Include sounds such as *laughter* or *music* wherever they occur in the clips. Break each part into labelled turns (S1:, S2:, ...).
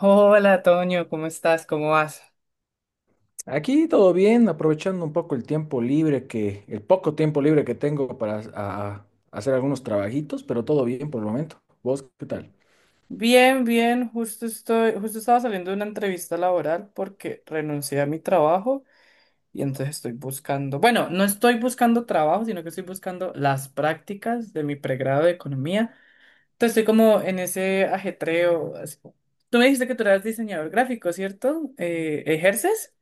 S1: Hola, Toño, ¿cómo estás? ¿Cómo vas?
S2: Aquí todo bien, aprovechando un poco el tiempo libre el poco tiempo libre que tengo para hacer algunos trabajitos, pero todo bien por el momento. ¿Vos qué tal?
S1: Bien, bien, justo estaba saliendo de una entrevista laboral porque renuncié a mi trabajo y entonces bueno, no estoy buscando trabajo, sino que estoy buscando las prácticas de mi pregrado de economía. Entonces estoy como en ese ajetreo, tú me dijiste que tú eras diseñador gráfico, ¿cierto? ¿Ejerces?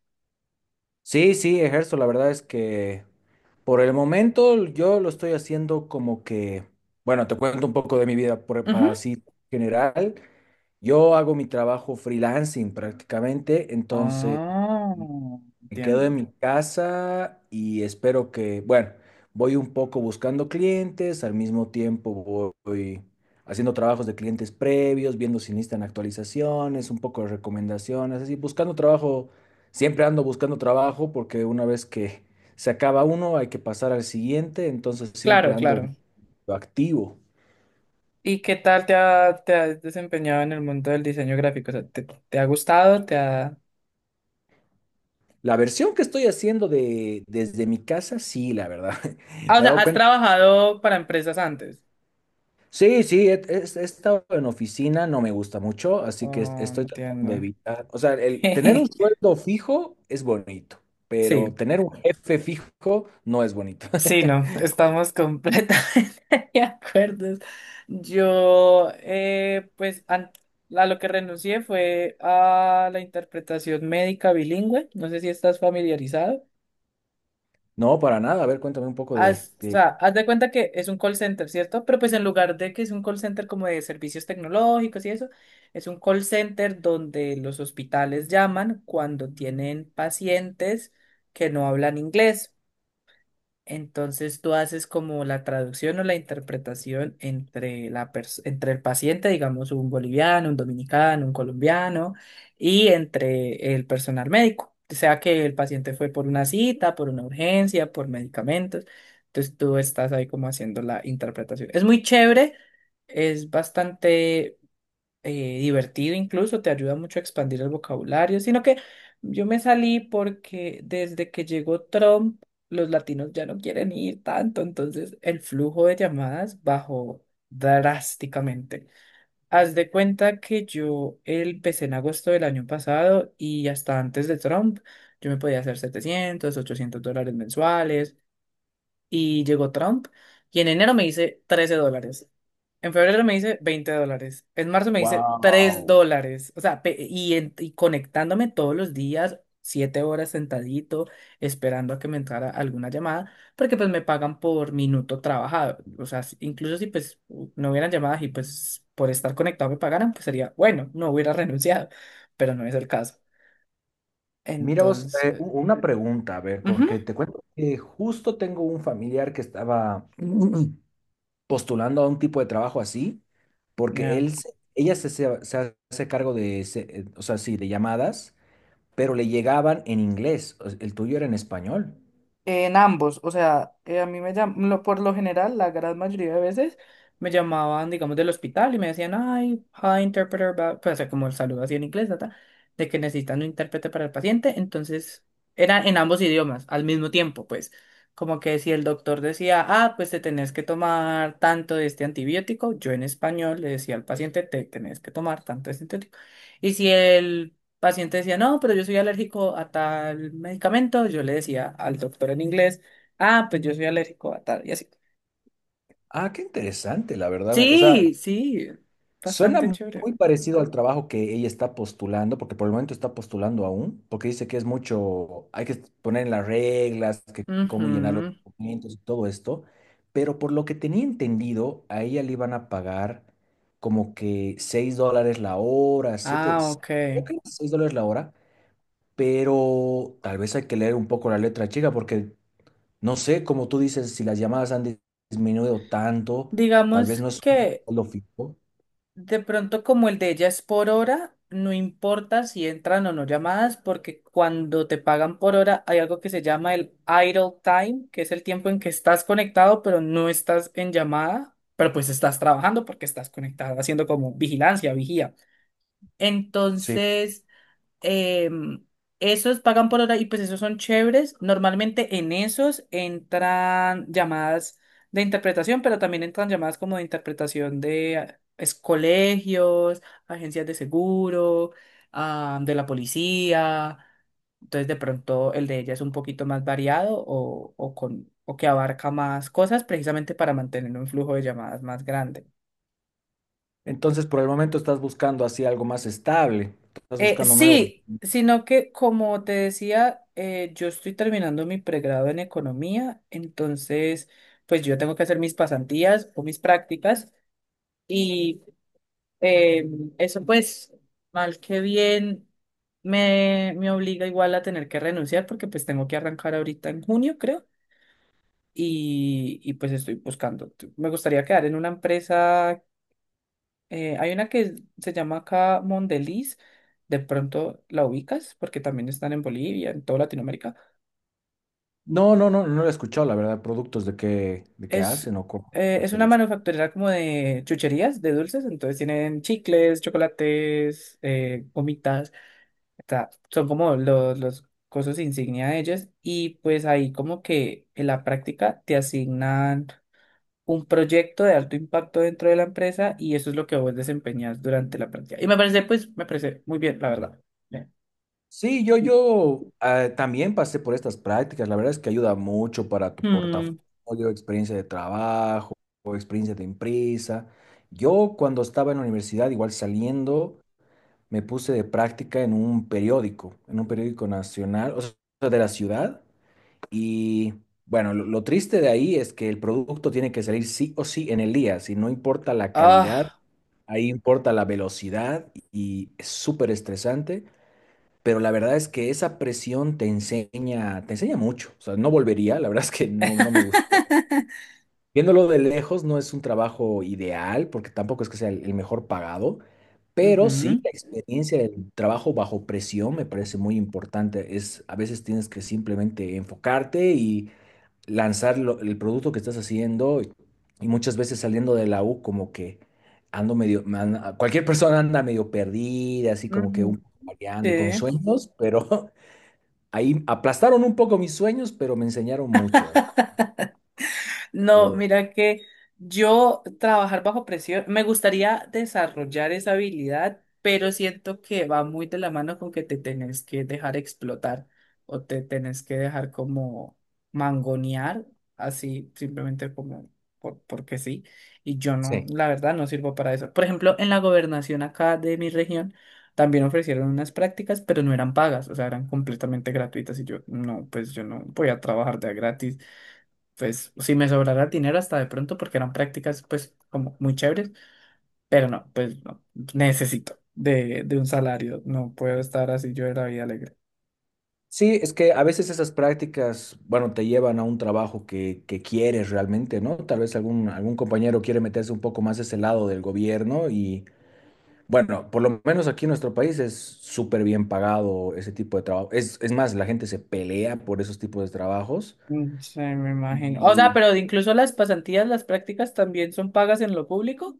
S2: Sí, sí, ejerzo. La verdad es que por el momento yo lo estoy haciendo bueno, te cuento un poco de mi vida para
S1: Ujú.
S2: así general. Yo hago mi trabajo freelancing prácticamente.
S1: Ah,
S2: Me quedo
S1: entiendo.
S2: en mi casa y espero que, bueno, voy un poco buscando clientes, al mismo tiempo voy haciendo trabajos de clientes previos, viendo si necesitan actualizaciones, un poco de recomendaciones, así, buscando trabajo, siempre ando buscando trabajo porque una vez que *laughs* se acaba uno hay que pasar al siguiente, entonces siempre
S1: Claro,
S2: ando
S1: claro.
S2: activo.
S1: ¿Y qué tal te has desempeñado en el mundo del diseño gráfico? O sea, ¿te ha gustado? ¿Te ha...?
S2: La versión que estoy haciendo de desde mi casa, sí, la verdad. *laughs*
S1: Ah, o
S2: Me he
S1: sea,
S2: dado
S1: ¿has
S2: cuenta.
S1: trabajado para empresas antes?
S2: Sí, sí, he estado en oficina, no me gusta mucho, así que
S1: Oh,
S2: estoy tratando de
S1: entiendo.
S2: evitar. O sea, el tener un
S1: *laughs*
S2: sueldo fijo es bonito, pero
S1: Sí,
S2: tener un jefe fijo no es bonito.
S1: sí, no,
S2: *laughs*
S1: estamos completamente *laughs* de acuerdo. Yo, pues, a lo que renuncié fue a la interpretación médica bilingüe. No sé si estás familiarizado.
S2: No, para nada. A ver, cuéntame un poco
S1: O
S2: de...
S1: sea, haz de cuenta que es un call center, ¿cierto? Pero pues en lugar de que es un call center como de servicios tecnológicos y eso, es un call center donde los hospitales llaman cuando tienen pacientes que no hablan inglés. Entonces tú haces como la traducción o la interpretación entre entre el paciente, digamos un boliviano, un dominicano, un colombiano, y entre el personal médico. O sea que el paciente fue por una cita, por una urgencia, por medicamentos. Entonces tú estás ahí como haciendo la interpretación. Es muy chévere, es bastante divertido incluso, te ayuda mucho a expandir el vocabulario, sino que yo me salí porque desde que llegó Trump, los latinos ya no quieren ir tanto, entonces el flujo de llamadas bajó drásticamente. Haz de cuenta que yo empecé en agosto del año pasado y hasta antes de Trump, yo me podía hacer 700 $800 mensuales y llegó Trump y en enero me hice $13. En febrero me hice $20. En marzo me hice 3
S2: Wow.
S1: dólares. O sea, y conectándome todos los días, 7 horas sentadito, esperando a que me entrara alguna llamada, porque pues me pagan por minuto trabajado. O sea, incluso si pues no hubieran llamadas y pues por estar conectado me pagaran, pues sería, bueno, no hubiera *laughs* renunciado, pero no es el caso.
S2: Mira vos,
S1: Entonces,
S2: una pregunta, a ver,
S1: ujú,
S2: porque te cuento que justo tengo un familiar que estaba *clears throat* postulando a un tipo de trabajo así, porque
S1: ya.
S2: ella se hace cargo o sea, sí, de llamadas pero le llegaban en inglés. El tuyo era en español.
S1: En ambos, o sea, a mí me llam- por lo general, la gran mayoría de veces me llamaban, digamos, del hospital y me decían, ay, hi, interpreter, bla", pues, o sea, como el saludo así en inglés, ta, ta, de que necesitan un intérprete para el paciente, entonces era en ambos idiomas, al mismo tiempo, pues, como que si el doctor decía, ah, pues te tenés que tomar tanto de este antibiótico, yo en español le decía al paciente, te tenés que tomar tanto de este antibiótico, y si el paciente decía, no, pero yo soy alérgico a tal medicamento, yo le decía al doctor en inglés, ah, pues yo soy alérgico a tal, y así.
S2: Ah, qué interesante, la verdad. O sea,
S1: Sí, sí,
S2: suena
S1: bastante
S2: muy
S1: chévere.
S2: parecido al trabajo que ella está postulando, porque por el momento está postulando aún, porque dice que es mucho, hay que poner en las reglas, que cómo llenar los
S1: Ujú.
S2: documentos y todo esto. Pero por lo que tenía entendido, a ella le iban a pagar como que 6 dólares la hora, siete,
S1: Ah, ok.
S2: creo que era 6 dólares la hora, pero tal vez hay que leer un poco la letra chica, porque no sé, como tú dices, si las llamadas han disminuido tanto, tal vez
S1: Digamos
S2: no es
S1: que
S2: lo fijo.
S1: De pronto, como el de ella es por hora, no importa si entran o no llamadas, porque cuando te pagan por hora hay algo que se llama el idle time, que es el tiempo en que estás conectado, pero no estás en llamada, pero pues estás trabajando porque estás conectado, haciendo como vigilancia, vigía.
S2: Sí.
S1: Entonces eh, esos pagan por hora y pues esos son chéveres. Normalmente en esos entran llamadas de interpretación, pero también entran llamadas como de interpretación de colegios, agencias de seguro, ah, de la policía. Entonces de pronto el de ella es un poquito más variado o, con, o que abarca más cosas precisamente para mantener un flujo de llamadas más grande.
S2: Entonces, por el momento estás buscando así algo más estable, estás buscando nuevo.
S1: Sí, sino que como te decía, yo estoy terminando mi pregrado en economía, entonces pues yo tengo que hacer mis pasantías o mis prácticas y eh, eso pues mal que bien me obliga igual a tener que renunciar porque pues tengo que arrancar ahorita en junio creo y pues estoy buscando. Me gustaría quedar en una empresa hay una que se llama acá Mondeliz, de pronto la ubicas, porque también están en Bolivia, en toda Latinoamérica.
S2: No, no, no, no lo he escuchado, la verdad. ¿Productos de que
S1: Es,
S2: hacen o cómo es el
S1: es una
S2: servicio?
S1: manufacturera como de chucherías, de dulces, entonces tienen chicles, chocolates, gomitas, son como los cosas insignia de ellas, y pues ahí como que en la práctica te asignan un proyecto de alto impacto dentro de la empresa y eso es lo que vos desempeñas durante la práctica. Y me parece, pues, me parece muy bien, la verdad. Bien.
S2: Sí, yo, también pasé por estas prácticas, la verdad es que ayuda mucho para tu
S1: Hmm.
S2: portafolio, experiencia de trabajo, o experiencia de empresa. Yo cuando estaba en la universidad, igual saliendo me puse de práctica en un periódico nacional, o sea, de la ciudad. Y bueno, lo triste de ahí es que el producto tiene que salir sí o sí en el día, si no importa la calidad,
S1: Ah.
S2: ahí importa la velocidad y es súper estresante. Pero la verdad es que esa presión te enseña mucho. O sea, no volvería, la verdad es que no, no me gustó.
S1: *laughs*
S2: Viéndolo de lejos, no es un trabajo ideal, porque tampoco es que sea el mejor pagado, pero sí
S1: Ujú.
S2: la experiencia del trabajo bajo presión me parece muy importante. Es, a veces tienes que simplemente enfocarte y lanzar el producto que estás haciendo. Y muchas veces saliendo de la U, como que ando medio, cualquier persona anda medio perdida, así
S1: Ujú.
S2: como que un
S1: Ujú,
S2: poco variando con
S1: sí.
S2: sueños, pero *laughs* ahí aplastaron un poco mis sueños, pero me enseñaron mucho. Así
S1: No,
S2: que,
S1: mira que yo trabajar bajo presión, me gustaría desarrollar esa habilidad, pero siento que va muy de la mano con que te tenés que dejar explotar o te tenés que dejar como mangonear, así simplemente como porque sí. Y yo no,
S2: sí.
S1: la verdad, no sirvo para eso. Por ejemplo, en la gobernación acá de mi región también ofrecieron unas prácticas, pero no eran pagas, o sea, eran completamente gratuitas y yo no, pues yo no voy a trabajar de a gratis pues si me sobrará dinero hasta de pronto porque eran prácticas pues como muy chéveres, pero no, pues no, necesito de un salario, no puedo estar así yo de la vida alegre.
S2: Sí, es que a veces esas prácticas, bueno, te llevan a un trabajo que quieres realmente, ¿no? Tal vez algún compañero quiere meterse un poco más a ese lado del gobierno y, bueno, por lo menos aquí en nuestro país es súper bien pagado ese tipo de trabajo. Es más, la gente se pelea por esos tipos de trabajos.
S1: Mm, sí, me imagino. O sea, pero incluso las pasantías, las prácticas también son pagas en lo público.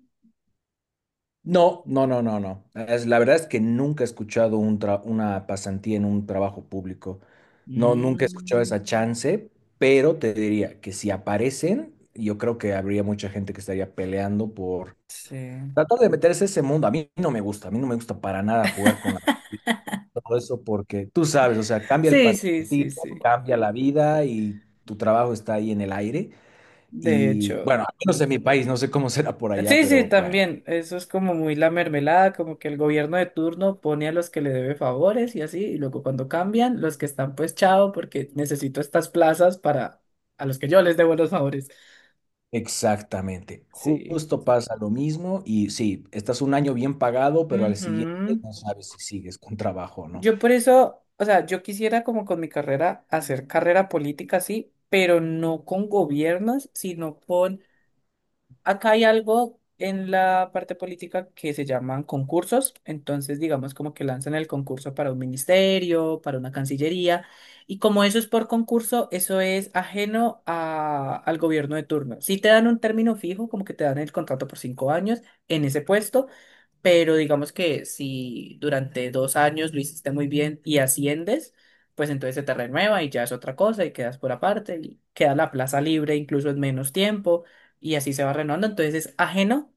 S2: No, no, no, no, no. Es, la verdad es que nunca he escuchado un una pasantía en un trabajo público. No, nunca he escuchado
S1: Mm.
S2: esa chance, pero te diría que si aparecen, yo creo que habría mucha gente que estaría peleando por
S1: Sí.
S2: tratar de meterse a ese mundo. A mí no me gusta, a mí no me gusta para nada jugar con la, todo eso porque tú sabes, o sea, cambia el
S1: Sí, sí, sí,
S2: partido,
S1: sí.
S2: cambia la vida y tu trabajo está ahí en el aire.
S1: De
S2: Y
S1: hecho.
S2: bueno, al menos en mi país, no sé cómo será por allá,
S1: Sí, sí,
S2: pero bueno.
S1: también. Eso es como muy la mermelada, como que el gobierno de turno pone a los que le debe favores y así, y luego cuando cambian, los que están pues chao, porque necesito estas plazas para a los que yo les debo los favores.
S2: Exactamente.
S1: Sí.
S2: Justo pasa lo mismo y sí, estás un año bien pagado, pero al siguiente
S1: Ujú.
S2: no sabes si sigues con trabajo o no.
S1: Yo por eso, o sea, yo quisiera como con mi carrera hacer carrera política, sí, pero no con gobiernos, sino con acá hay algo en la parte política que se llaman concursos, entonces digamos como que lanzan el concurso para un ministerio, para una cancillería, y como eso es por concurso, eso es ajeno al gobierno de turno. Si te dan un término fijo, como que te dan el contrato por 5 años en ese puesto, pero digamos que si durante 2 años lo hiciste muy bien y asciendes, pues entonces se te renueva y ya es otra cosa y quedas por aparte y queda la plaza libre incluso en menos tiempo y así se va renovando. Entonces es ajeno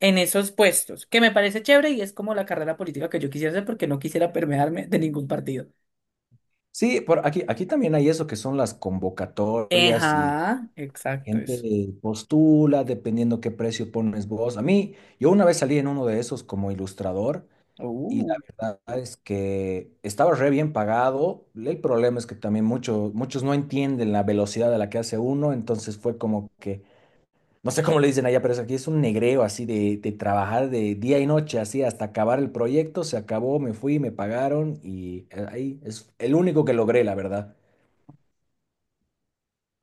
S1: en esos puestos, que me parece chévere y es como la carrera política que yo quisiera hacer porque no quisiera permearme de ningún partido.
S2: Sí, por aquí, aquí también hay eso que son las convocatorias y
S1: Ajá, exacto
S2: gente
S1: eso.
S2: postula dependiendo qué precio pones vos. A mí, yo una vez salí en uno de esos como ilustrador y
S1: Uh,
S2: la verdad es que estaba re bien pagado. El problema es que también muchos no entienden la velocidad a la que hace uno, entonces fue como que no sé cómo le dicen allá, pero es aquí es un negreo así de trabajar de día y noche, así hasta acabar el proyecto. Se acabó, me fui, me pagaron y, ahí es el único que logré, la verdad.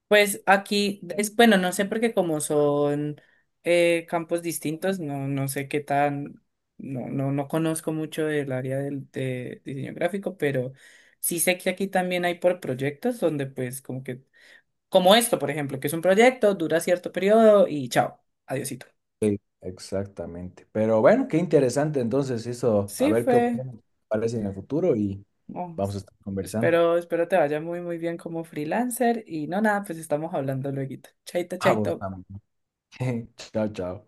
S1: Pues aquí, bueno, no sé porque como son campos distintos, no, no sé qué tan, no, no, no conozco mucho del área del, de diseño gráfico, pero sí sé que aquí también hay por proyectos donde pues como que como esto, por ejemplo, que es un proyecto, dura cierto periodo y chao, adiosito.
S2: Sí, exactamente. Pero bueno, qué interesante entonces eso. A
S1: Sí,
S2: ver qué
S1: fue.
S2: opciones aparecen en el futuro y
S1: Oh,
S2: vamos a estar conversando.
S1: espero te vaya muy, muy bien como freelancer y no nada, pues estamos hablando luego. Chaito,
S2: Vamos,
S1: chaito.
S2: también. *laughs* Chao, chao.